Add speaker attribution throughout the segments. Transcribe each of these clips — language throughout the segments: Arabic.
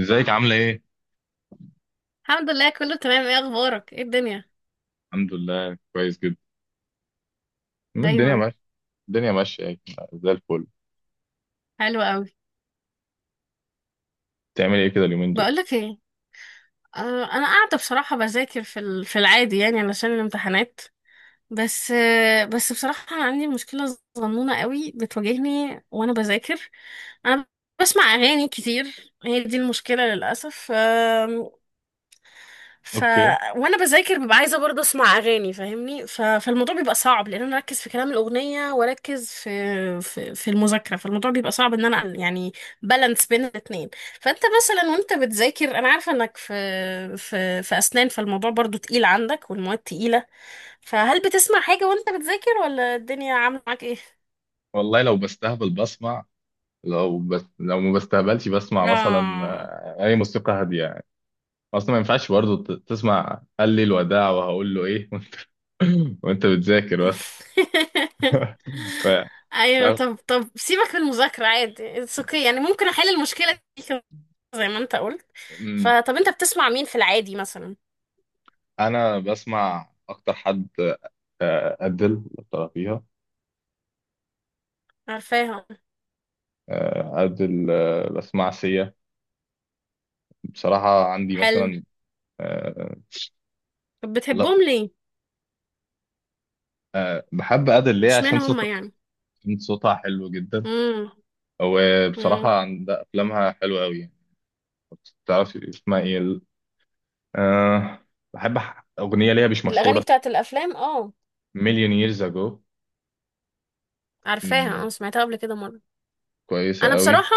Speaker 1: ازيك عاملة ايه؟
Speaker 2: الحمد لله كله تمام. ايه اخبارك؟ ايه الدنيا؟
Speaker 1: الحمد لله كويس جدا. ما الدنيا
Speaker 2: دايما
Speaker 1: ماشية. الدنيا ماشية يعني، زي الفل.
Speaker 2: حلوة قوي.
Speaker 1: بتعمل ايه كده اليومين دول؟
Speaker 2: بقولك ايه، انا قاعده بصراحه بذاكر في العادي يعني علشان الامتحانات. بس بس بصراحه انا عندي مشكله صغنونه قوي بتواجهني وانا بذاكر. انا بسمع اغاني كتير، هي دي المشكله للاسف. ف
Speaker 1: اوكي.
Speaker 2: وانا بذاكر ببقى عايزه برضه اسمع اغاني، فاهمني؟ فالموضوع بيبقى صعب لان انا اركز في كلام الاغنيه واركز في المذاكره، فالموضوع بيبقى صعب ان انا يعني بالانس بين الاثنين. فانت مثلا وانت بتذاكر انا عارفه انك في اسنان، فالموضوع برضه تقيل عندك والمواد تقيله. فهل بتسمع حاجه وانت بتذاكر، ولا الدنيا عامله معاك ايه؟
Speaker 1: والله لو بستهبل بسمع. لو ما بستهبلش بسمع مثلا.
Speaker 2: اه.
Speaker 1: اي موسيقى هادية يعني. اصلا ما ينفعش برضه تسمع قال لي الوداع وهقول له ايه. وانت بتذاكر بس. ف...
Speaker 2: ايوه.
Speaker 1: ف-
Speaker 2: طب سيبك من المذاكره، عادي اتس اوكي يعني، ممكن احل المشكله دي زي ما انت قلت.
Speaker 1: مم.
Speaker 2: فطب انت بتسمع مين في العادي مثلا؟
Speaker 1: انا بسمع اكتر حد ادل فيها.
Speaker 2: عارفاهم.
Speaker 1: ادل، بسمع سيا. بصراحة عندي
Speaker 2: حلو.
Speaker 1: مثلا.
Speaker 2: طب بتحبهم ليه؟
Speaker 1: بحب أدل ليه عشان
Speaker 2: اشمعنى هم
Speaker 1: صوت.
Speaker 2: يعني؟
Speaker 1: عشان صوتها حلو جدا.
Speaker 2: امم.
Speaker 1: وبصراحة
Speaker 2: امم.
Speaker 1: عند أفلامها حلوة أوي يعني. تعرفي اسمها إيه أه بحب أغنية ليها مش
Speaker 2: الاغاني
Speaker 1: مشهورة.
Speaker 2: بتاعت الافلام، اه
Speaker 1: مليون ييرز أجو.
Speaker 2: عارفاها، اه سمعتها قبل كده مره. انا
Speaker 1: كويسة أوي.
Speaker 2: بصراحه،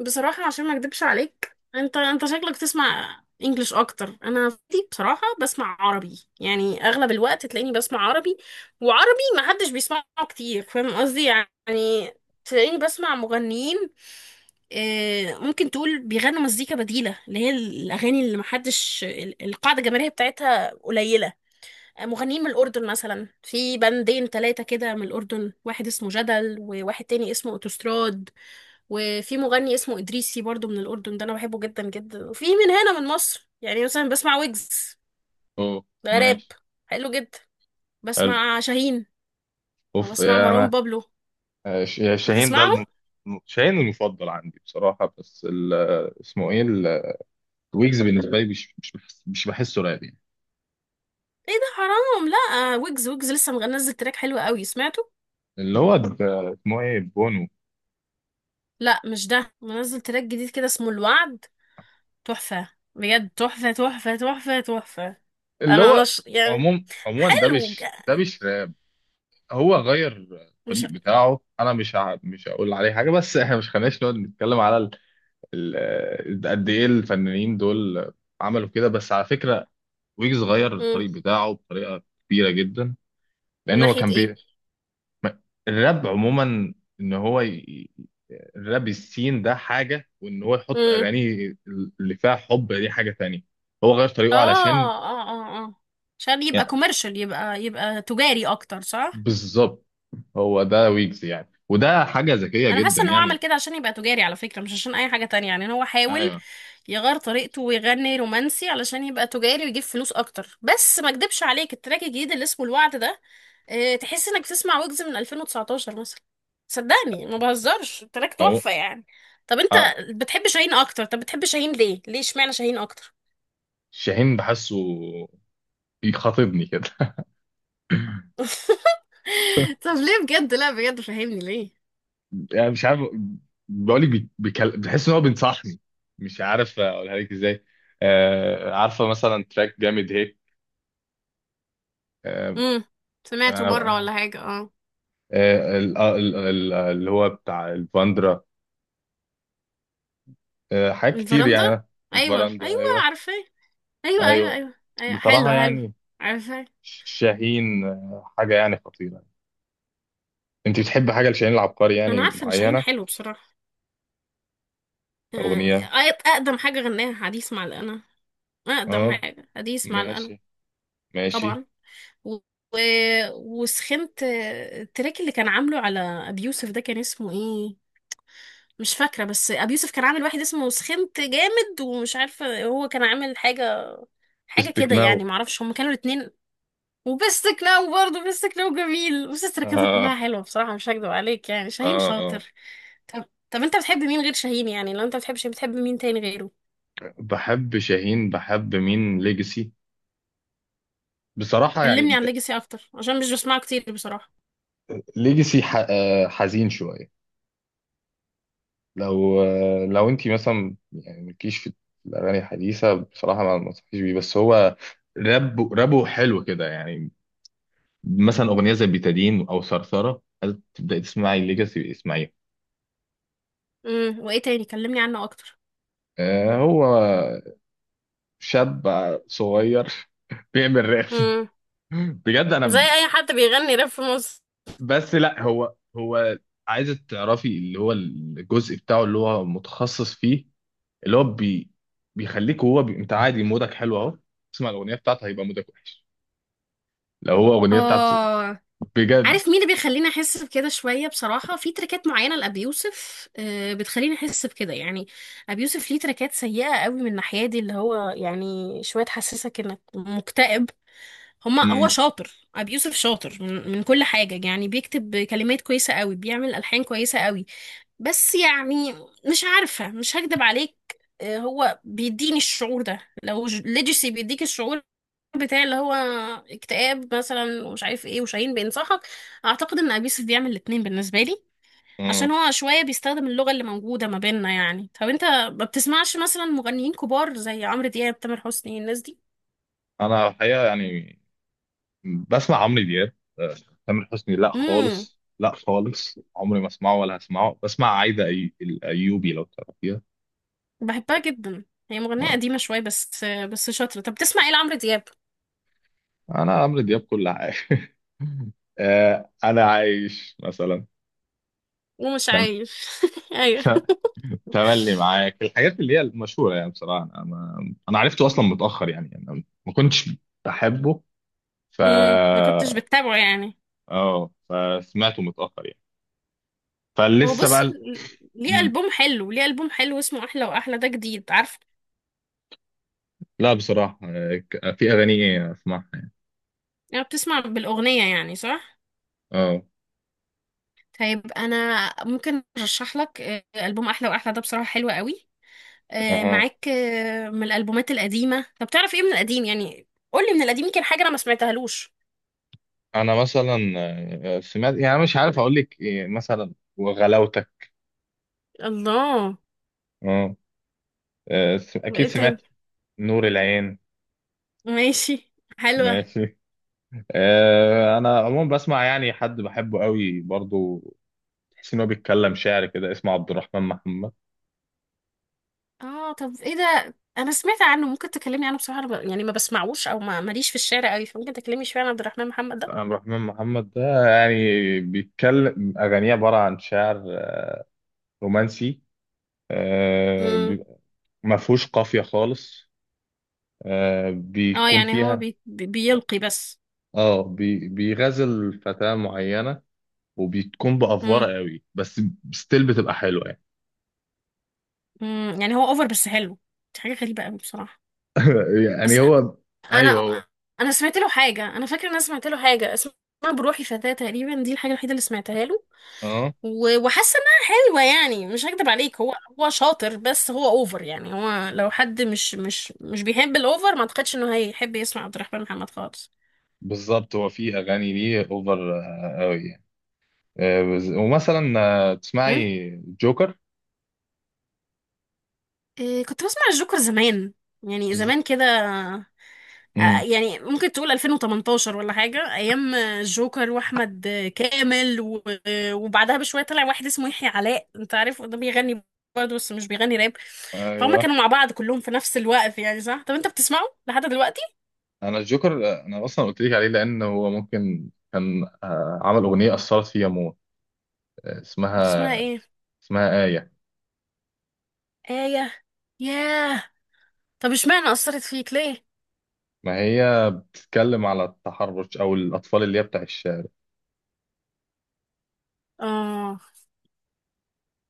Speaker 2: بصراحة عشان ما اكدبش عليك، انت شكلك تسمع انجليش اكتر، انا دي بصراحة بسمع عربي يعني، اغلب الوقت تلاقيني بسمع عربي. وعربي ما حدش بيسمعه كتير، فاهم قصدي يعني؟ تلاقيني بسمع مغنيين ممكن تقول بيغنوا مزيكا بديلة، اللي هي الاغاني اللي ما حدش، القاعدة الجماهيرية بتاعتها قليلة. مغنيين من الأردن مثلا، في بندين تلاتة كده من الأردن، واحد اسمه جدل، وواحد تاني اسمه أوتوستراد، وفي مغني اسمه إدريسي برضو من الأردن، ده أنا بحبه جدا جدا. وفي من هنا من مصر يعني مثلا بسمع ويجز،
Speaker 1: أوه.
Speaker 2: ده راب،
Speaker 1: ماشي.
Speaker 2: حلو جدا.
Speaker 1: حلو.
Speaker 2: بسمع شاهين،
Speaker 1: أوف،
Speaker 2: وبسمع
Speaker 1: إيه
Speaker 2: مروان
Speaker 1: أنا؟
Speaker 2: بابلو.
Speaker 1: آه، ش- شاهين ده
Speaker 2: بتسمعهم؟
Speaker 1: شاهين المفضل عندي بصراحة، بس اسمه إيه ويجز بالنسبة لي مش بحسه راب يعني.
Speaker 2: ايه ده حرام، لا ويجز، ويجز لسه منزل تراك حلو قوي، سمعته؟
Speaker 1: اللي هو اسمه إيه بونو.
Speaker 2: لا مش ده، منزل تراك جديد كده اسمه الوعد، تحفة، بجد تحفة.
Speaker 1: اللي
Speaker 2: انا
Speaker 1: هو
Speaker 2: يعني
Speaker 1: عموما ده
Speaker 2: حلو
Speaker 1: مش ده مش هو غير
Speaker 2: مش،
Speaker 1: الطريق بتاعه. انا مش هقول عليه حاجه، بس احنا مش خليناش نقعد نتكلم على قد ايه الفنانين دول عملوا كده، بس على فكره ويجز غير
Speaker 2: مم.
Speaker 1: الطريق بتاعه بطريقه كبيره جدا.
Speaker 2: من
Speaker 1: لان هو
Speaker 2: ناحية
Speaker 1: كان
Speaker 2: ايه؟
Speaker 1: بي... ما- الراب عموما. ان هو الراب السين ده حاجه، وان هو يحط
Speaker 2: مم.
Speaker 1: اغاني اللي فيها حب دي حاجه تانية. هو غير
Speaker 2: اه
Speaker 1: طريقه علشان
Speaker 2: اه اه اه، عشان يبقى
Speaker 1: يعني.
Speaker 2: كوميرشال، يبقى يبقى تجاري اكتر، صح؟
Speaker 1: بالظبط، هو ده ويجز يعني، وده حاجه ذكيه
Speaker 2: انا
Speaker 1: جدا
Speaker 2: حاسه ان هو عمل
Speaker 1: يعني.
Speaker 2: كده عشان يبقى تجاري على فكره، مش عشان اي حاجه تانية يعني، إن هو حاول
Speaker 1: ايوه.
Speaker 2: يغير طريقته ويغني رومانسي علشان يبقى تجاري ويجيب فلوس اكتر. بس ما اكدبش عليك التراك الجديد اللي اسمه الوعد ده، اه تحس انك بتسمع ويجز من 2019 مثلا، صدقني ما بهزرش، التراك تحفه يعني. طب انت
Speaker 1: اه.
Speaker 2: بتحب شاهين اكتر؟ طب بتحب شاهين ليه؟ ليه اشمعنى شاهين اكتر؟
Speaker 1: شاهين بحسه بيخاطبني كده.
Speaker 2: طب ليه بجد؟ لا بجد فهمني ليه.
Speaker 1: يعني مش عارف، بقول لك بحس ان هو بينصحني. مش عارف اقولها لك ازاي. عارفه مثلا تراك جامد هيك. آه
Speaker 2: امم. سمعته مرة
Speaker 1: انا
Speaker 2: ولا حاجة، اه
Speaker 1: اللي هو بتاع الفاندرا. حاجات كتير
Speaker 2: الفرندا،
Speaker 1: يعني.
Speaker 2: ايوه
Speaker 1: الفراندا،
Speaker 2: ايوه
Speaker 1: ايوه،
Speaker 2: عارفاه، ايوه ايوه
Speaker 1: ايوه.
Speaker 2: ايوه ايوه
Speaker 1: بصراحه
Speaker 2: حلو حلو
Speaker 1: يعني
Speaker 2: عارفاه.
Speaker 1: شاهين، حاجه يعني خطيره. انت بتحب حاجه لشاهين العبقري
Speaker 2: انا
Speaker 1: يعني
Speaker 2: عارفة ان شاهين
Speaker 1: معينه؟
Speaker 2: حلو بصراحة. آه،
Speaker 1: اغنيه.
Speaker 2: اقدم حاجة غناها حديث مع القنا، اقدم
Speaker 1: اه.
Speaker 2: حاجة حديث مع القنا.
Speaker 1: ماشي، ماشي.
Speaker 2: طبعا. و... و... وسخنت، التراك اللي كان عامله على ابي يوسف ده كان اسمه ايه؟ مش فاكرة، بس ابي يوسف كان عامل واحد اسمه سخنت جامد، ومش عارفة هو كان عامل حاجة، حاجة
Speaker 1: بستك.
Speaker 2: كده يعني، معرفش هما كانوا الاتنين. وبيست كلاو، برضه بيست كلاو جميل، بس تركيزه
Speaker 1: اه،
Speaker 2: كلها حلوة بصراحة، مش هكدب عليك يعني شاهين
Speaker 1: اه، اه.
Speaker 2: شاطر. طب طب انت بتحب مين غير شاهين يعني؟ لو انت بتحبش بتحب مين تاني غيره؟
Speaker 1: بحب شاهين، بحب مين ليجاسي. بصراحة يعني
Speaker 2: كلمني
Speaker 1: انت،
Speaker 2: عن ليجاسي اكتر عشان مش بسمعه كتير بصراحة.
Speaker 1: ليجاسي ح... آه، حزين شوية. لو انت مثلا يعني مالكيش في الأغاني الحديثة بصراحة، ما انصحكيش بيه. بس هو راب، رابه حلو كده يعني. مثلا أغنية زي بيتادين أو ثرثرة، هل تبدأي تسمعي ليجاسي اسمعيها.
Speaker 2: امم. وايه تاني؟ كلمني عنه اكتر.
Speaker 1: هو شاب صغير. بيعمل راب
Speaker 2: امم.
Speaker 1: بجد
Speaker 2: زي
Speaker 1: أنا،
Speaker 2: اي حد بيغني راب في مصر.
Speaker 1: بس لا. هو عايزة تعرفي اللي هو الجزء بتاعه اللي هو متخصص فيه. اللي هو بيخليك. هو انت عادي مودك حلو اهو. تسمع الاغنيه بتاعته هيبقى مودك وحش. لو هو اغنيه بتاعته
Speaker 2: اه.
Speaker 1: بجد.
Speaker 2: عارف مين اللي بيخليني احس بكده شويه بصراحه؟ في تركات معينه لابي يوسف بتخليني احس بكده يعني. ابي يوسف ليه تركات سيئه قوي من الناحيه دي، اللي هو يعني شويه تحسسك انك مكتئب. هما هو
Speaker 1: مم.
Speaker 2: شاطر، ابي يوسف شاطر من كل حاجه يعني، بيكتب كلمات كويسه قوي، بيعمل الحان كويسه قوي، بس يعني مش عارفه مش هكدب عليك، هو بيديني الشعور ده. لو ليجسي بيديك الشعور بتاع اللي هو اكتئاب مثلا ومش عارف ايه، وشاهين بينصحك، اعتقد ان ابي يوسف بيعمل الاتنين بالنسبه لي،
Speaker 1: مم.
Speaker 2: عشان هو شويه بيستخدم اللغه اللي موجوده ما بيننا يعني. طب انت ما بتسمعش مثلا مغنيين كبار زي عمرو دياب، تامر حسني، الناس دي؟
Speaker 1: انا الحقيقه يعني بسمع عمرو دياب. تامر حسني لا
Speaker 2: امم.
Speaker 1: خالص، لا خالص، عمري ما اسمعه ولا هسمعه. بسمع عايده الايوبي لو تعرفيها.
Speaker 2: بحبها جدا، هي مغنيه
Speaker 1: آه.
Speaker 2: قديمه شويه بس بس شاطره. طب بتسمع ايه لعمرو دياب؟
Speaker 1: انا عمرو دياب كل حاجه. انا عايش
Speaker 2: ومش
Speaker 1: مثلا،
Speaker 2: عايش، ايوه.
Speaker 1: تملي معاك، الحاجات اللي هي المشهوره يعني. بصراحه انا ما... انا عرفته اصلا متاخر يعني. يعني انا ما كنتش بحبه. ف
Speaker 2: امم. ما كنتش بتابعه يعني.
Speaker 1: اه. فسمعته متاخر يعني.
Speaker 2: هو
Speaker 1: فلسه بقى
Speaker 2: بص، ليه
Speaker 1: مم.
Speaker 2: ألبوم حلو، ليه ألبوم حلو اسمه أحلى وأحلى، ده جديد عارفه.
Speaker 1: لا، بصراحه في اغاني اسمعها.
Speaker 2: يعني بتسمع بالأغنية يعني، صح؟
Speaker 1: اه.
Speaker 2: طيب أنا ممكن أرشح لك ألبوم أحلى وأحلى ده بصراحة حلو قوي
Speaker 1: اها.
Speaker 2: معاك، من الألبومات القديمة. طب تعرف إيه من القديم يعني؟ قولي من القديم يمكن حاجة أنا ما سمعتهالوش.
Speaker 1: انا مثلا سمعت يعني، مش عارف اقول لك إيه، مثلا وغلاوتك.
Speaker 2: الله.
Speaker 1: اه. اكيد
Speaker 2: وإيه تاني؟
Speaker 1: سمعت نور العين.
Speaker 2: ماشي، حلوة.
Speaker 1: ماشي. انا عموما بسمع يعني حد بحبه قوي برضو، تحس ان هو بيتكلم شعر كده، اسمه عبد الرحمن محمد.
Speaker 2: آه طب إيه ده؟ أنا سمعت عنه، ممكن تكلمني عنه؟ بصراحة أنا يعني ما بسمعوش أو ما ماليش في الشارع قوي، فممكن تكلمني شوية عن عبد الرحمن محمد ده؟
Speaker 1: عبد الرحمن محمد ده يعني بيتكلم اغانيه عباره عن شعر رومانسي. آه،
Speaker 2: مم.
Speaker 1: بيبقى- ما فيهوش قافيه خالص.
Speaker 2: آه
Speaker 1: بيكون
Speaker 2: يعني هو
Speaker 1: فيها.
Speaker 2: بيلقي بس.
Speaker 1: اه. بيغزل فتاه معينه وبتكون
Speaker 2: مم.
Speaker 1: بافوره قوي، بس ستيل بتبقى حلوه يعني.
Speaker 2: مم. يعني هو أوفر بس حلو، دي حاجة غريبة قوي بصراحة.
Speaker 1: يعني
Speaker 2: بس
Speaker 1: هو، ايوه،
Speaker 2: انا
Speaker 1: هو.
Speaker 2: انا سمعت له حاجه، انا فاكره ان انا سمعت له حاجه اسمها بروحي فتاه تقريبا، دي الحاجه الوحيده اللي سمعتها له،
Speaker 1: اه.
Speaker 2: وحاسه انها حلوه يعني، مش هكدب عليك هو، هو شاطر بس هو اوفر يعني، هو لو حد مش بيحب الاوفر ما اعتقدش انه هيحب يسمع عبد الرحمن محمد خالص.
Speaker 1: بالظبط، هو في اغاني ليه اوفر قوي يعني. ومثلا
Speaker 2: تمام.
Speaker 1: تسمعي جوكر.
Speaker 2: إيه، كنت بسمع الجوكر زمان، يعني زمان كده، يعني ممكن تقول 2018 ولا حاجة، أيام الجوكر وأحمد كامل وبعدها بشوية طلع واحد اسمه يحيى علاء، أنت عارف ده بيغني برضه بس مش بيغني راب، فهم
Speaker 1: ايوه.
Speaker 2: كانوا مع بعض كلهم في نفس الوقت يعني صح. طب أنت بتسمعه لحد دلوقتي؟
Speaker 1: انا الجوكر انا اصلا قلت لك عليه، لان هو ممكن كان عمل اغنيه اثرت فيا موت. آه،
Speaker 2: بتسمعها
Speaker 1: اسمها
Speaker 2: إيه؟
Speaker 1: اسمها آية.
Speaker 2: آية. ياه. طب اشمعنى أثرت فيك ليه؟
Speaker 1: ما هي بتتكلم على التحرش او الاطفال اللي هي بتاع الشارع.
Speaker 2: آه.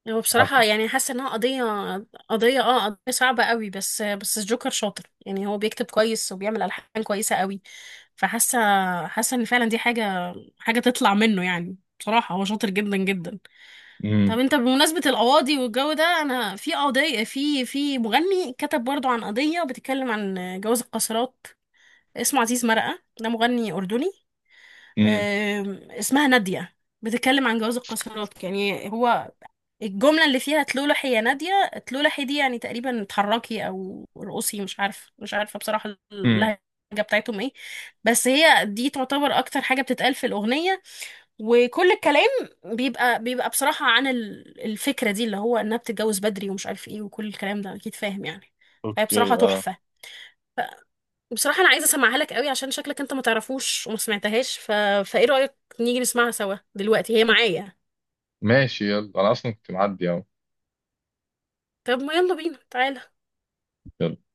Speaker 2: هو
Speaker 1: عارفه.
Speaker 2: بصراحة يعني حاسة انها قضية، قضية اه قضية صعبة قوي، بس بس الجوكر شاطر يعني، هو بيكتب كويس وبيعمل ألحان كويسة قوي، فحاسة، حاسة ان فعلا دي حاجة، حاجة تطلع منه يعني، بصراحة هو شاطر جدا جدا. طب
Speaker 1: امم.
Speaker 2: انت بمناسبة القواضي والجو ده، انا في قضية، في مغني كتب برضو عن قضية بتتكلم عن جواز القاصرات، اسمه عزيز مرقة، ده مغني أردني.
Speaker 1: امم.
Speaker 2: آم، اسمها نادية، بتتكلم عن جواز القاصرات يعني. هو الجملة اللي فيها تلولحي يا نادية تلولحي دي، يعني تقريبا اتحركي او رقصي، مش عارفة مش عارفة بصراحة
Speaker 1: امم.
Speaker 2: اللهجة بتاعتهم ايه، بس هي دي تعتبر اكتر حاجة بتتقال في الأغنية. وكل الكلام بيبقى بيبقى بصراحة عن الفكرة دي، اللي هو انها بتتجوز بدري ومش عارف ايه وكل الكلام ده، اكيد فاهم يعني. فهي بصراحة
Speaker 1: اوكي، اه.
Speaker 2: تحفة، بصراحة أنا عايزة أسمعها لك قوي عشان شكلك أنت ما تعرفوش وما سمعتهاش. فإيه رأيك نيجي نسمعها سوا دلوقتي، هي معايا.
Speaker 1: ماشي. يلا، انا اصلا كنت معدي اهو.
Speaker 2: طب ما يلا بينا تعالى.
Speaker 1: يلا.